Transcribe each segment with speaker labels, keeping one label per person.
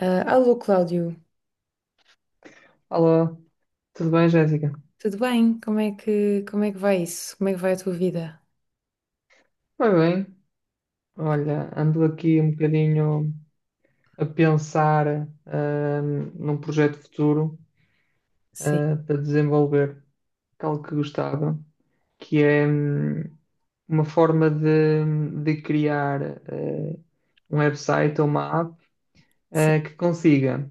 Speaker 1: Ah, alô, Cláudio,
Speaker 2: Olá, tudo bem, Jéssica?
Speaker 1: tudo bem? Como é que vai isso? Como é que vai a tua vida?
Speaker 2: Vai bem. Olha, ando aqui um bocadinho a pensar num projeto futuro
Speaker 1: Sim,
Speaker 2: para desenvolver, que é algo que gostava, que é uma forma de criar eh, um website ou uma app
Speaker 1: sim.
Speaker 2: que consiga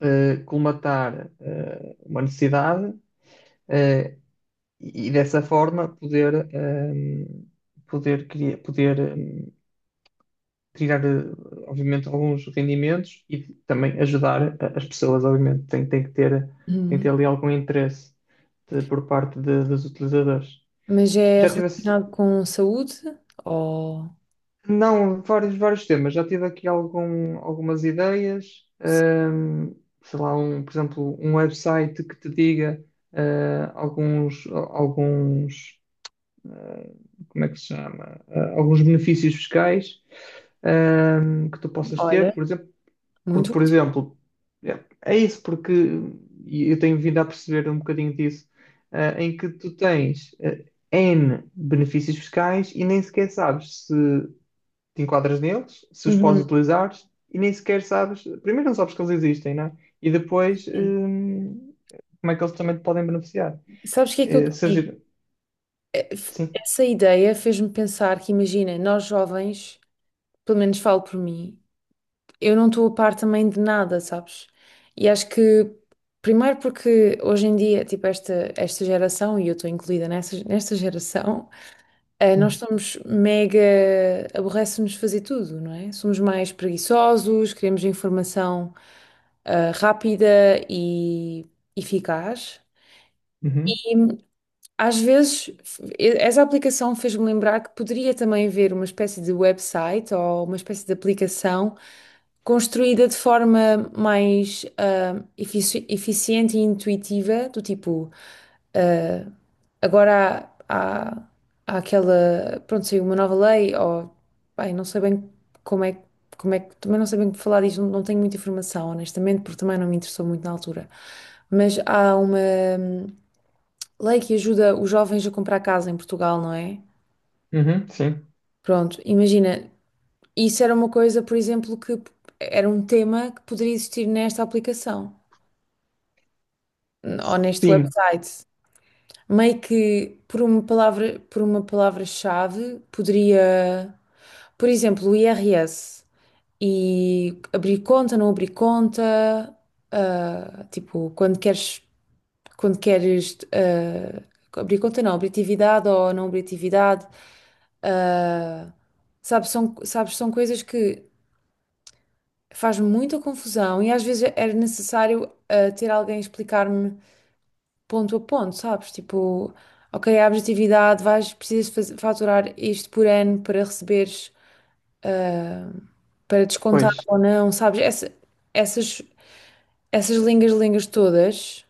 Speaker 2: colmatar uma necessidade eh, e dessa forma poder, poder, criar, poder tirar, obviamente, alguns rendimentos e também ajudar as pessoas, obviamente. Tem que ter
Speaker 1: Uhum.
Speaker 2: ali algum interesse por parte dos utilizadores.
Speaker 1: Mas é
Speaker 2: Já tive, assim-
Speaker 1: relacionado com saúde? Ou...
Speaker 2: não, vários temas. Já tive aqui algumas ideias.
Speaker 1: Sim.
Speaker 2: Sei lá, um, por exemplo, um website que te diga alguns, como é que se chama? Alguns benefícios fiscais que tu possas
Speaker 1: Olha,
Speaker 2: ter, por exemplo. Porque,
Speaker 1: muito
Speaker 2: por
Speaker 1: útil.
Speaker 2: exemplo, é isso, porque e eu tenho vindo a perceber um bocadinho disso, em que tu tens N benefícios fiscais e nem sequer sabes se te enquadras neles, se os podes
Speaker 1: Uhum,
Speaker 2: utilizar e nem sequer sabes, primeiro não sabes que eles existem, não é? E depois,
Speaker 1: sim.
Speaker 2: como é que eles também te podem beneficiar?
Speaker 1: Sabes o que é que eu
Speaker 2: Eh,
Speaker 1: te digo?
Speaker 2: surgir- Sim.
Speaker 1: Essa ideia fez-me pensar que, imagina, nós jovens, pelo menos falo por mim, eu não estou a par também de nada, sabes? E acho que, primeiro porque hoje em dia, tipo, esta geração, e eu estou incluída nesta geração. Nós somos mega. Aborrece-nos fazer tudo, não é? Somos mais preguiçosos, queremos informação rápida e eficaz.
Speaker 2: Uhum.
Speaker 1: Às vezes, essa aplicação fez-me lembrar que poderia também haver uma espécie de website ou uma espécie de aplicação construída de forma mais eficiente e intuitiva, do tipo, ah, agora há aquela, pronto, saiu uma nova lei, ou, bem, não sei bem como é, que- como é que, também não sei bem falar disto, não, não tenho muita informação, honestamente, porque também não me interessou muito na altura. Mas há uma lei que ajuda os jovens a comprar casa em Portugal, não é?
Speaker 2: Uhum. Sim.
Speaker 1: Pronto, imagina, isso era uma coisa, por exemplo, era um tema que poderia existir nesta aplicação ou neste
Speaker 2: Sim,
Speaker 1: website. Meio que por uma palavra, por uma palavra-chave poderia, por exemplo, o IRS e abrir conta, não abrir conta, tipo, quando queres quando queres eh, abrir conta, não, abrir atividade ou não abrir atividade. Ah, sabes, são coisas que faz muita confusão e às vezes era necessário ter alguém explicar-me ponto a ponto, sabes? Tipo, ok, abres atividade, vais, faturar isto por ano para receberes, ah, para descontar
Speaker 2: pois.
Speaker 1: ou não, sabes? Essas, essas lingas lingas todas.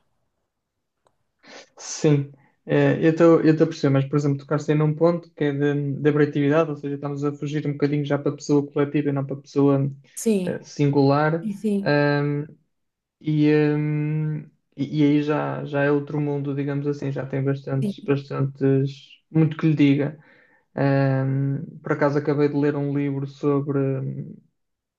Speaker 2: Sim. Eu estou a perceber, mas por exemplo, tocaste aí num ponto que é da abratividade, ou seja, estamos a fugir um bocadinho já para a pessoa coletiva e não para a pessoa
Speaker 1: Sim,
Speaker 2: singular.
Speaker 1: sim,
Speaker 2: Ahm, e, ahm, e aí já é outro mundo, digamos assim, já tem bastantes,
Speaker 1: sim,
Speaker 2: bastantes, muito que lhe diga. Por acaso acabei de ler um livro sobre,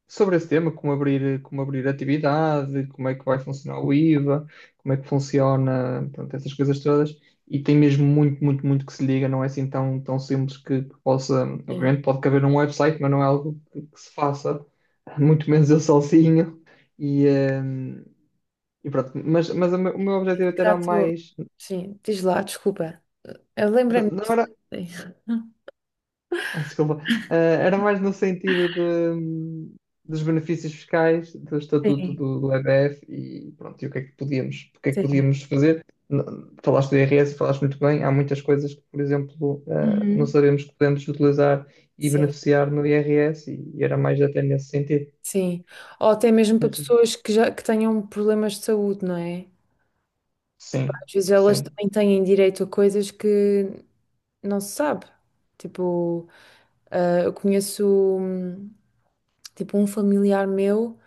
Speaker 2: sobre esse tema, como abrir atividade, como é que vai funcionar o IVA, como é que funciona, portanto, essas coisas todas. E tem mesmo muito, muito, muito que se liga, não é assim tão, tão simples que possa.
Speaker 1: sim.
Speaker 2: Obviamente pode caber um website, mas não é algo que se faça, muito menos eu sozinho. E, eh, e pronto, mas o meu objetivo até era
Speaker 1: Exato.
Speaker 2: mais.
Speaker 1: Sim, diz lá, desculpa. Eu lembrei-me
Speaker 2: Não
Speaker 1: disto.
Speaker 2: era.
Speaker 1: Sim,
Speaker 2: Desculpa. Era mais no sentido de, dos benefícios fiscais do estatuto
Speaker 1: sim.
Speaker 2: do EDF e pronto, e o que é que
Speaker 1: Sim.
Speaker 2: podíamos fazer? Falaste do IRS, e falaste muito bem, há muitas coisas que, por exemplo, não
Speaker 1: Uhum.
Speaker 2: sabemos que podemos utilizar e
Speaker 1: Sim,
Speaker 2: beneficiar no IRS e era mais até nesse sentido.
Speaker 1: sim. Ou até mesmo para
Speaker 2: Mas diz-
Speaker 1: pessoas que já que tenham problemas de saúde, não é? Tipo,
Speaker 2: Sim,
Speaker 1: às vezes elas
Speaker 2: sim,
Speaker 1: também têm direito a coisas que não se sabe. Tipo, eu conheço hum, tipo um familiar meu.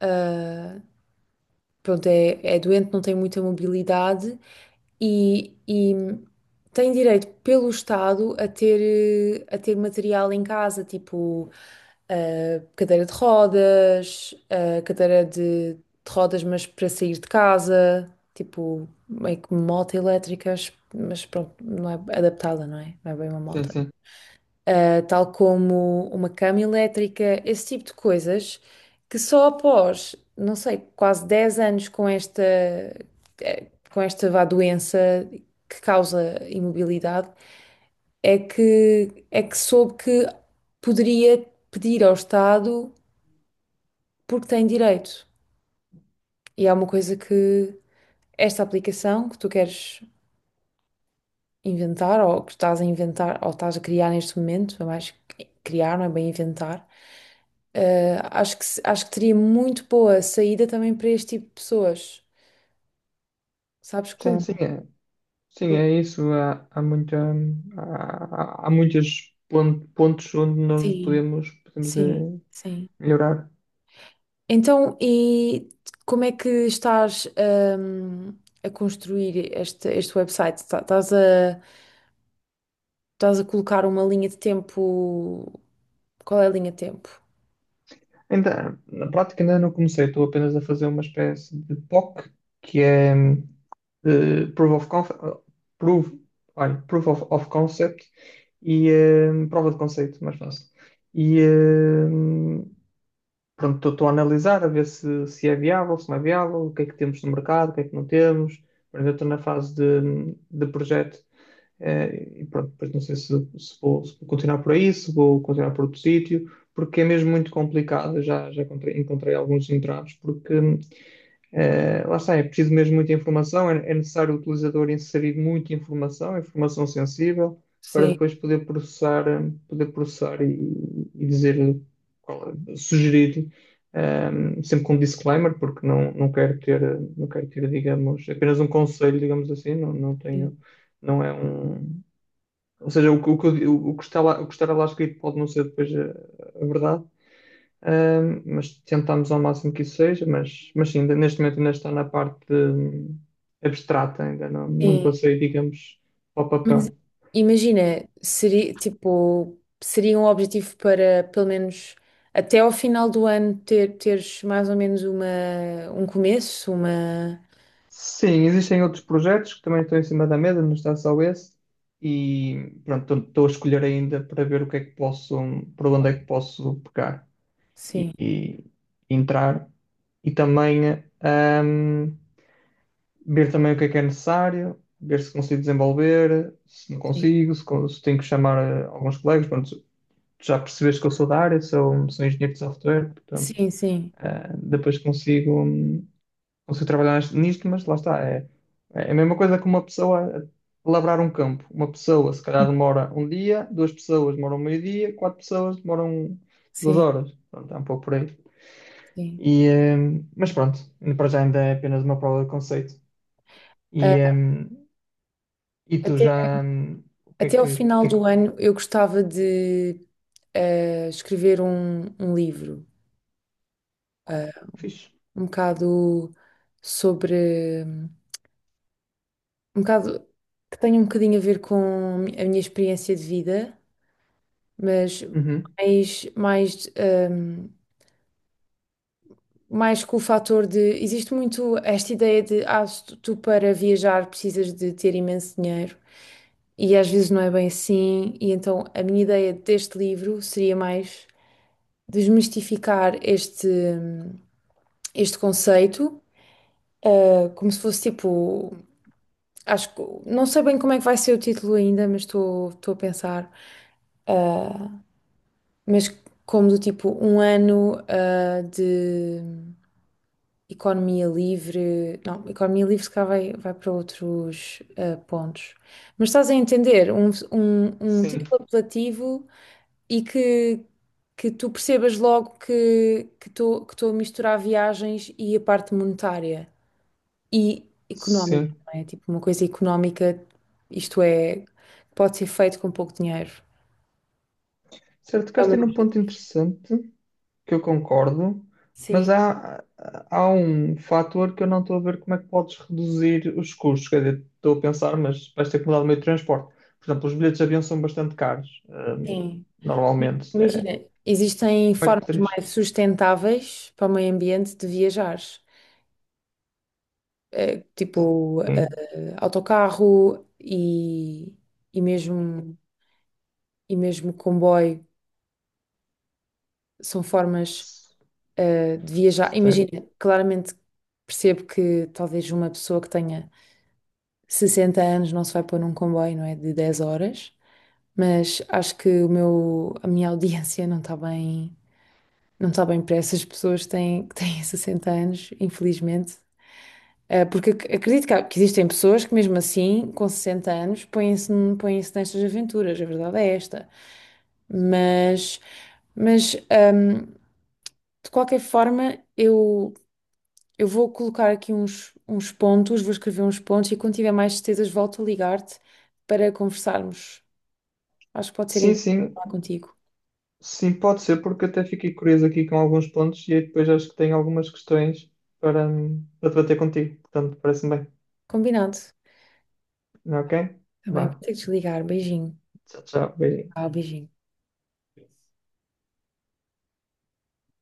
Speaker 1: ah, Pronto, é doente, não tem muita mobilidade e tem direito pelo Estado a ter material em casa, tipo cadeira de rodas, eh, cadeira de rodas, mas para sair de casa, tipo meio que moto elétricas, mas pronto, não é adaptada, não é? Não é bem uma
Speaker 2: sim,
Speaker 1: moto
Speaker 2: sim.
Speaker 1: tal como uma cama elétrica, esse tipo de coisas, que só após, não sei, quase 10 anos com com esta vá doença que causa imobilidade, é que soube que poderia pedir ao Estado porque tem direito. E é uma coisa que esta aplicação que tu queres inventar ou que estás a inventar ou estás a criar neste momento, eu acho que criar não é bem inventar. Acho que, acho que teria muito boa saída também para este tipo de pessoas, sabes?
Speaker 2: Sim,
Speaker 1: Com...
Speaker 2: sim, é isso. Há, há, muita, há, há há muitos pontos onde nós
Speaker 1: Sim,
Speaker 2: podemos
Speaker 1: sim, sim.
Speaker 2: melhorar.
Speaker 1: Então, e como é que estás, hum, a construir este website? Estás a colocar uma linha de tempo. Qual é a linha de tempo?
Speaker 2: Ainda, na prática ainda não comecei, estou apenas a fazer uma espécie de POC, que é Proof of Conf- Proof, olha, Proof of Concept e prova de conceito, mais fácil. E pronto, estou a analisar, a ver se é viável, se não é viável, o que é que temos no mercado, o que é que não temos. Ainda estou na fase de projeto. E pronto, depois não sei se vou continuar por aí, se vou continuar por outro sítio, porque é mesmo muito complicado. Eu já encontrei alguns entraves, porque lá está, é preciso mesmo muita informação, é necessário o utilizador inserir muita informação, informação sensível, para
Speaker 1: Sim.
Speaker 2: depois poder processar e dizer sugerir. Sempre com disclaimer, porque não quero ter, digamos, apenas um conselho, digamos assim, não tenho, não é um, ou seja, o que está lá, o que estará lá escrito pode não ser depois a verdade, mas tentamos ao máximo que isso seja, mas sim, neste momento ainda está na parte abstrata, ainda não
Speaker 1: Sim.
Speaker 2: passei, digamos, ao
Speaker 1: Mas
Speaker 2: papel.
Speaker 1: imagina, seria tipo, seria um objetivo para pelo menos até ao final do ano teres mais ou menos um começo, uma.
Speaker 2: Sim, existem outros projetos que também estão em cima da mesa, não está só esse, e pronto, estou a escolher ainda para ver o que é que posso, para onde é que posso pegar e,
Speaker 1: Sim,
Speaker 2: e entrar. E também, ver também o que é necessário, ver se consigo desenvolver, se não
Speaker 1: sim.
Speaker 2: consigo, se tenho que chamar alguns colegas. Pronto, já percebeste que eu sou da área, sou engenheiro de software, portanto,
Speaker 1: Sim, sim,
Speaker 2: depois consigo trabalhar nisto, mas lá está, é a mesma coisa que uma pessoa labrar um campo. Uma pessoa, se calhar, demora um dia, duas pessoas demoram um meio-dia, quatro pessoas demoram duas
Speaker 1: sim,
Speaker 2: horas. Pronto, é um pouco por aí.
Speaker 1: sim.
Speaker 2: E, mas pronto, para já ainda é apenas uma prova de conceito.
Speaker 1: Ah,
Speaker 2: E, hum, E tu
Speaker 1: até
Speaker 2: já. O que é
Speaker 1: até ao
Speaker 2: que, o
Speaker 1: final
Speaker 2: que é que
Speaker 1: do ano eu gostava de escrever um livro, eh,
Speaker 2: fiz?
Speaker 1: um bocado sobre, um bocado que tenha um bocadinho a ver com a minha experiência de vida, mas
Speaker 2: Uhum.
Speaker 1: mais, mais, ehm, mais com o fator de, existe muito esta ideia de, ah, se tu para viajar precisas de ter imenso dinheiro. E às vezes não é bem assim, e então a minha ideia deste livro seria mais desmistificar este conceito, eh, como se fosse tipo. Acho que não sei bem como é que vai ser o título ainda, mas estou a pensar. Uh, mas como do tipo um ano de economia livre, não, economia livre se calhar vai para outros pontos. Mas estás a entender, um
Speaker 2: Sim,
Speaker 1: título apelativo e que, que tu percebas logo que estou a misturar viagens e a parte monetária e económica,
Speaker 2: sim.
Speaker 1: não é? Tipo, uma coisa económica, isto é, pode ser feito com pouco dinheiro.
Speaker 2: Certo,
Speaker 1: É o
Speaker 2: tocaste
Speaker 1: meu
Speaker 2: aí num ponto
Speaker 1: objetivo.
Speaker 2: interessante que eu concordo,
Speaker 1: Sim,
Speaker 2: mas há um fator que eu não estou a ver como é que podes reduzir os custos. Quer dizer, estou a pensar, mas vais ter que mudar de meio de transporte. Por exemplo, os bilhetes de avião são bastante caros,
Speaker 1: sim.
Speaker 2: normalmente. É,
Speaker 1: Imagina, existem
Speaker 2: como é que
Speaker 1: formas
Speaker 2: poderias?
Speaker 1: mais sustentáveis para o meio ambiente de viajar. Eh, tipo
Speaker 2: Sim,
Speaker 1: eh, autocarro e, e mesmo, e mesmo comboio, são formas de viajar. Imagina,
Speaker 2: certo.
Speaker 1: claramente percebo que talvez uma pessoa que tenha 60 anos não se vai pôr num comboio, não é? De 10 horas, mas acho que a minha audiência não está bem, não está bem para essas pessoas que têm 60 anos, infelizmente. Porque acredito que existem pessoas que, mesmo assim, com 60 anos, põem-se nestas aventuras, a verdade é esta. Mas, mas hum, de qualquer forma, eu. Eu vou colocar aqui uns pontos, vou escrever uns pontos e quando tiver mais certezas volto a ligar-te para conversarmos. Acho que pode ser
Speaker 2: Sim,
Speaker 1: interessante
Speaker 2: sim.
Speaker 1: falar contigo.
Speaker 2: Sim, pode ser, porque até fiquei curioso aqui com alguns pontos e aí depois acho que tenho algumas questões para debater contigo. Portanto, parece-me bem.
Speaker 1: Combinado.
Speaker 2: Ok?
Speaker 1: Tá bem, vou
Speaker 2: Vá.
Speaker 1: ter que desligar. Beijinho.
Speaker 2: Tchau, tchau. Beijinho.
Speaker 1: Tchau, beijinho.